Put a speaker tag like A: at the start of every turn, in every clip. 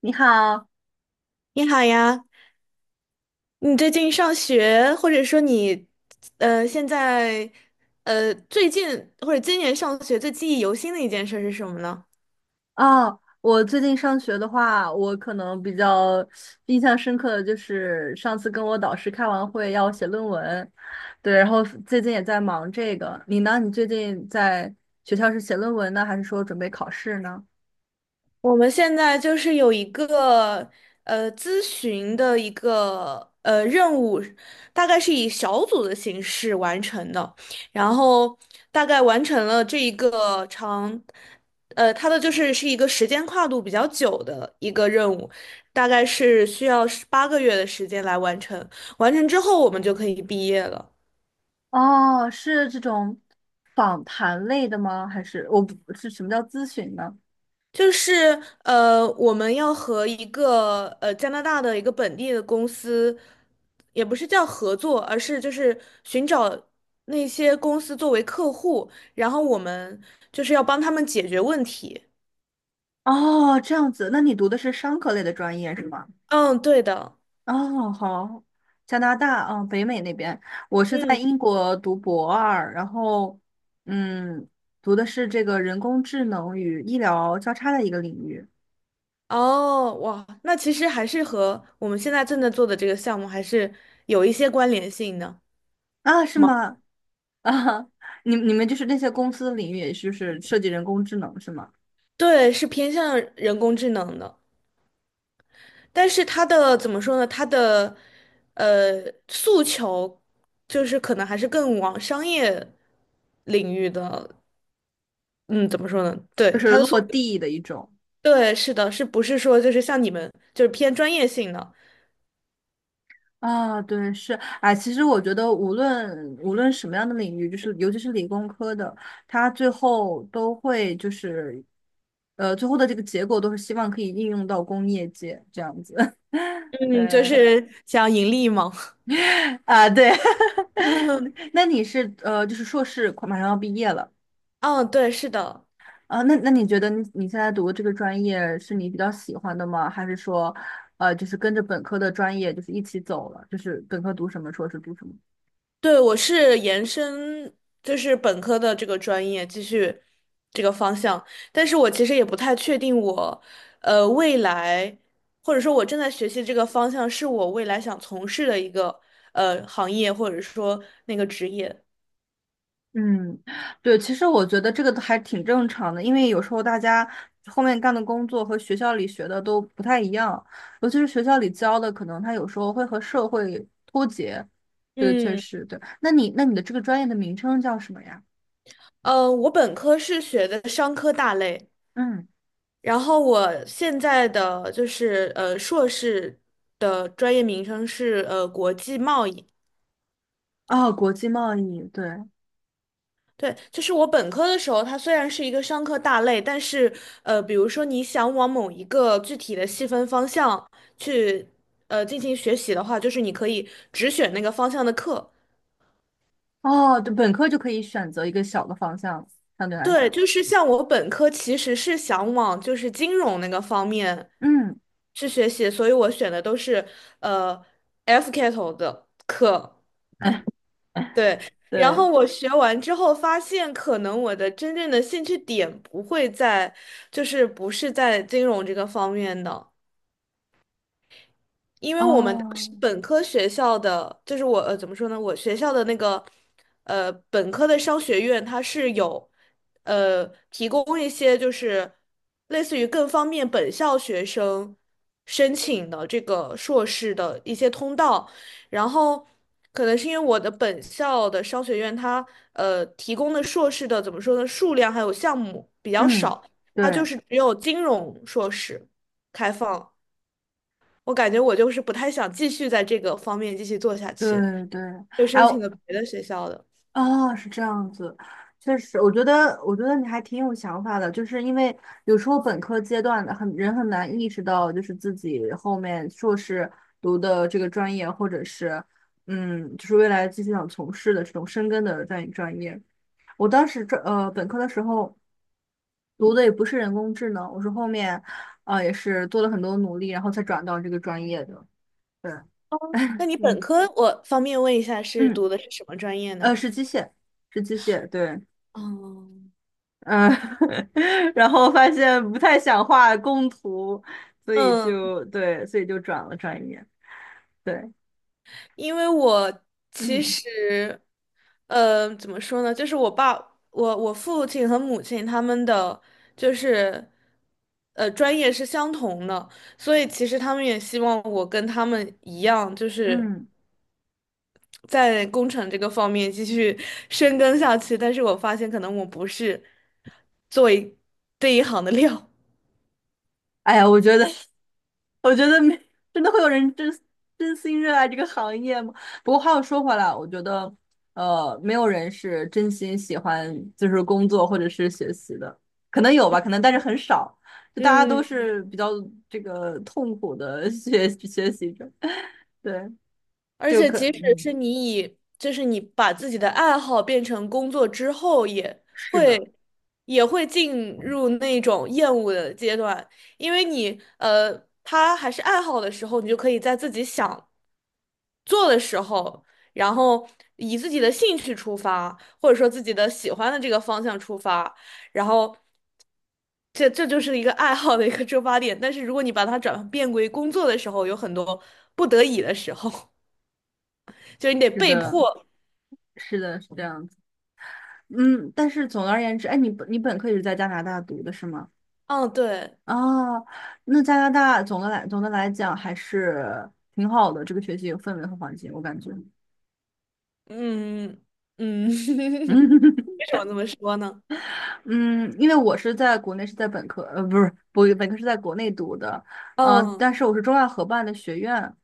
A: 你好，
B: 你好呀，你最近上学，或者说你，现在，最近或者今年上学最记忆犹新的一件事是什么呢？
A: 哦，我最近上学的话，我可能比较印象深刻的就是上次跟我导师开完会要写论文，对，然后最近也在忙这个。你呢？你最近在学校是写论文呢，还是说准备考试呢？
B: 我们现在就是有一个咨询的一个任务，大概是以小组的形式完成的，然后大概完成了这一个长，它的就是是一个时间跨度比较久的一个任务，大概是需要18个月的时间来完成，完成之后我们就可以毕业了。
A: 哦，是这种访谈类的吗？还是我不是什么叫咨询呢？
B: 就是我们要和一个加拿大的一个本地的公司，也不是叫合作，而是就是寻找那些公司作为客户，然后我们就是要帮他们解决问题。
A: 哦，这样子，那你读的是商科类的专业是吗？
B: 嗯，对的。
A: 哦，好，加拿大，嗯，北美那边，我是在
B: 嗯，
A: 英国读博2，然后，嗯，读的是这个人工智能与医疗交叉的一个领域。
B: 哦，哇，那其实还是和我们现在正在做的这个项目还是有一些关联性的
A: 啊，是
B: 嘛。
A: 吗？啊，你们就是那些公司的领域，也就是设计人工智能是吗？
B: 对，是偏向人工智能的。但是他的怎么说呢？他的诉求就是可能还是更往商业领域的，嗯，怎么说呢？
A: 就
B: 对，
A: 是
B: 他的诉，
A: 落地的一种。
B: 对，是的，是不是说就是像你们就是偏专业性的？
A: 啊，对，是，哎，其实我觉得无论什么样的领域，就是尤其是理工科的，它最后都会就是，最后的这个结果都是希望可以应用到工业界这样子。
B: 嗯，就
A: 对，
B: 是想盈利嘛。
A: 啊，对，
B: 嗯，
A: 那你是就是硕士快马上要毕业了。
B: 哦对，是的。
A: 啊，那你觉得你现在读的这个专业是你比较喜欢的吗？还是说，就是跟着本科的专业就是一起走了，就是本科读什么，硕士读什么？
B: 对，我是延伸，就是本科的这个专业，继续这个方向。但是我其实也不太确定我，未来或者说我正在学习这个方向是我未来想从事的一个行业，或者说那个职业。
A: 嗯，对，其实我觉得这个还挺正常的，因为有时候大家后面干的工作和学校里学的都不太一样，尤其是学校里教的，可能它有时候会和社会脱节，这个确
B: 嗯，
A: 实对。那你的这个专业的名称叫什么呀？
B: 我本科是学的商科大类，
A: 嗯，
B: 然后我现在的就是硕士的专业名称是国际贸易。
A: 哦，国际贸易，对，
B: 对，就是我本科的时候，它虽然是一个商科大类，但是比如说你想往某一个具体的细分方向去进行学习的话，就是你可以只选那个方向的课。
A: 哦，对，本科就可以选择一个小的方向，相对来
B: 对，
A: 讲，
B: 就是像我本科其实是想往就是金融那个方面
A: 嗯，
B: 去学习，所以我选的都是呃 F 开头的课。对，然
A: 对，
B: 后我学完之后发现，可能我的真正的兴趣点不会在，就是不是在金融这个方面的。因为我们当
A: 哦，
B: 时本科学校的，就是我怎么说呢，我学校的那个本科的商学院，它是有提供一些就是类似于更方便本校学生申请的这个硕士的一些通道，然后可能是因为我的本校的商学院它提供的硕士的怎么说呢，数量还有项目比较
A: 嗯，
B: 少，它就
A: 对
B: 是只有金融硕士开放。我感觉我就是不太想继续在这个方面继续做下去，
A: 对对，
B: 就
A: 哎，
B: 申请了别的学校的。
A: 啊，是这样子，确实，我觉得，我觉得你还挺有想法的，就是因为有时候本科阶段的很人很难意识到，就是自己后面硕士读的这个专业，或者是就是未来继续想从事的这种深耕的专业。我当时这本科的时候读的也不是人工智能，我是后面啊也是做了很多努力，然后才转到这个专业的。对，
B: 那你本
A: 嗯
B: 科，我方便问一下，是
A: 嗯，
B: 读的是什么专业呢？
A: 是机械，是机械，对。
B: 哦，
A: 嗯，然后发现不太想画工图，所以
B: 嗯，
A: 就对，所以就转了专业。对，
B: 因为我其
A: 嗯
B: 实，怎么说呢？就是我爸、我、我父亲和母亲他们的，就是，专业是相同的，所以其实他们也希望我跟他们一样，就是。
A: 嗯，
B: 在工程这个方面继续 深耕下去，但是我发现可能我不是做为这一行的料。
A: 哎呀，我觉得，我觉得没，真的会有人真心热爱这个行业吗？不过话又说回来，我觉得，没有人是真心喜欢就是工作或者是学习的，可能有吧，可能但是很少，就大家都
B: 嗯，
A: 是比较这个痛苦的 学习者，对，
B: 而且即使
A: 嗯，
B: 是你以，就是你把自己的爱好变成工作之后，
A: 是的。
B: 会也会进入那种厌恶的阶段，因为你他还是爱好的时候，你就可以在自己想做的时候，然后以自己的兴趣出发，或者说自己的喜欢的这个方向出发，然后。这就是一个爱好的一个出发点，但是如果你把它转变为工作的时候，有很多不得已的时候，就是你得
A: 是
B: 被
A: 的，
B: 迫。
A: 是的，是这样子。嗯，但是总的而言之，哎，你本科也是在加拿大读的是吗？
B: 嗯，对，
A: 哦，那加拿大总的来讲还是挺好的，这个学习有氛围和环境，我感觉。
B: 嗯嗯，
A: 嗯
B: 为什么这么说呢？
A: 嗯，因为我是在国内是在本科，不是，不，本科是在国内读的，
B: 嗯，
A: 但是我是中外合办的学院，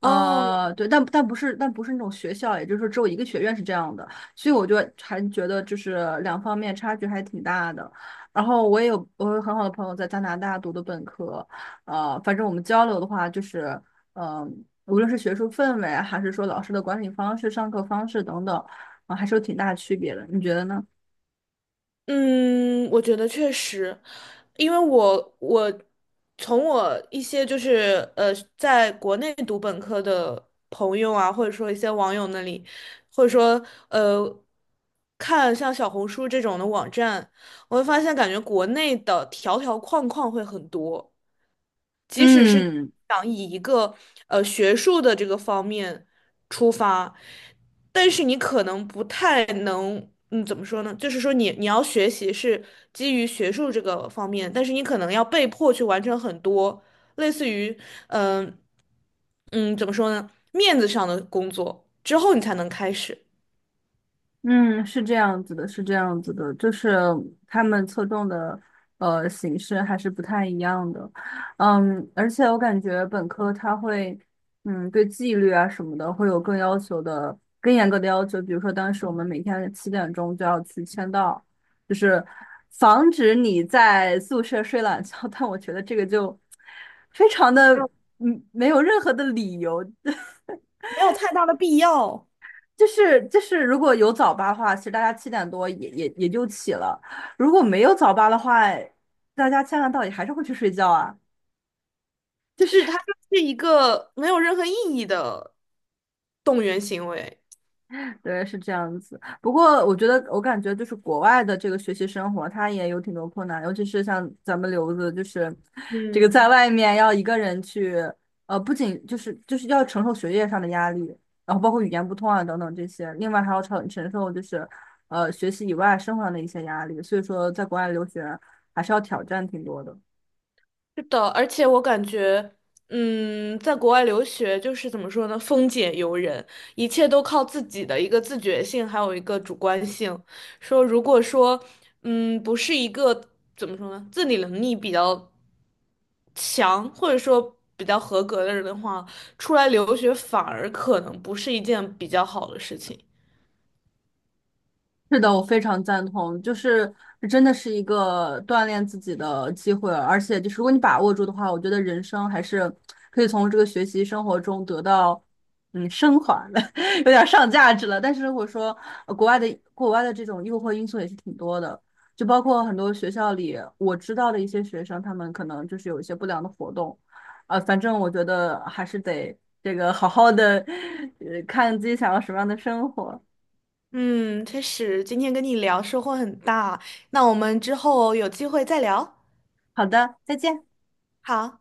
B: 哦，
A: 对，但不是，但不是那种学校，也就是说只有一个学院是这样的，所以我就还觉得就是两方面差距还挺大的。然后我有很好的朋友在加拿大读的本科，反正我们交流的话就是，嗯、无论是学术氛围还是说老师的管理方式、上课方式等等，啊、还是有挺大区别的，你觉得呢？
B: 嗯，我觉得确实，因为我从我一些就是在国内读本科的朋友啊，或者说一些网友那里，或者说看像小红书这种的网站。我会发现感觉国内的条条框框会很多，即使是
A: 嗯
B: 想以一个学术的这个方面出发，但是你可能不太能，嗯，怎么说呢？就是说你要学习是基于学术这个方面，但是你可能要被迫去完成很多类似于，嗯、嗯，怎么说呢？面子上的工作之后你才能开始，
A: 嗯，是这样子的，是这样子的，就是他们侧重的形式还是不太一样的，嗯，而且我感觉本科它会，对纪律啊什么的会有更要求的、更严格的要求，比如说当时我们每天7点钟就要去签到，就是防止你在宿舍睡懒觉，但我觉得这个就非常的
B: 没有
A: 没有任何的理由，
B: 没有太大的必要。
A: 就是如果有早八的话，其实大家7点多也就起了；如果没有早八的话，大家千万到底还是会去睡觉啊。就是
B: 是，它就是一个没有任何意义的动员行为。
A: 对，是这样子。不过我觉得，我感觉就是国外的这个学习生活，它也有挺多困难，尤其是像咱们留子，就是这个在
B: 嗯，
A: 外面要一个人去，不仅就是要承受学业上的压力，然后包括语言不通啊等等这些，另外还要承受就是学习以外生活上的一些压力。所以说，在国外留学还是要挑战挺多的。
B: 是的，而且我感觉，嗯，在国外留学就是怎么说呢，风俭由人，一切都靠自己的一个自觉性，还有一个主观性。说如果说，嗯，不是一个怎么说呢，自理能力比较强，或者说比较合格的人的话，出来留学反而可能不是一件比较好的事情。
A: 是的，我非常赞同，就是这真的是一个锻炼自己的机会，而且就是如果你把握住的话，我觉得人生还是可以从这个学习生活中得到升华的，有点上价值了。但是如果说呃国外的国外的这种诱惑因素也是挺多的，就包括很多学校里我知道的一些学生，他们可能就是有一些不良的活动，反正我觉得还是得这个好好的 看自己想要什么样的生活。
B: 嗯，确实，今天跟你聊收获很大。那我们之后有机会再聊。
A: 好的，再见。
B: 好。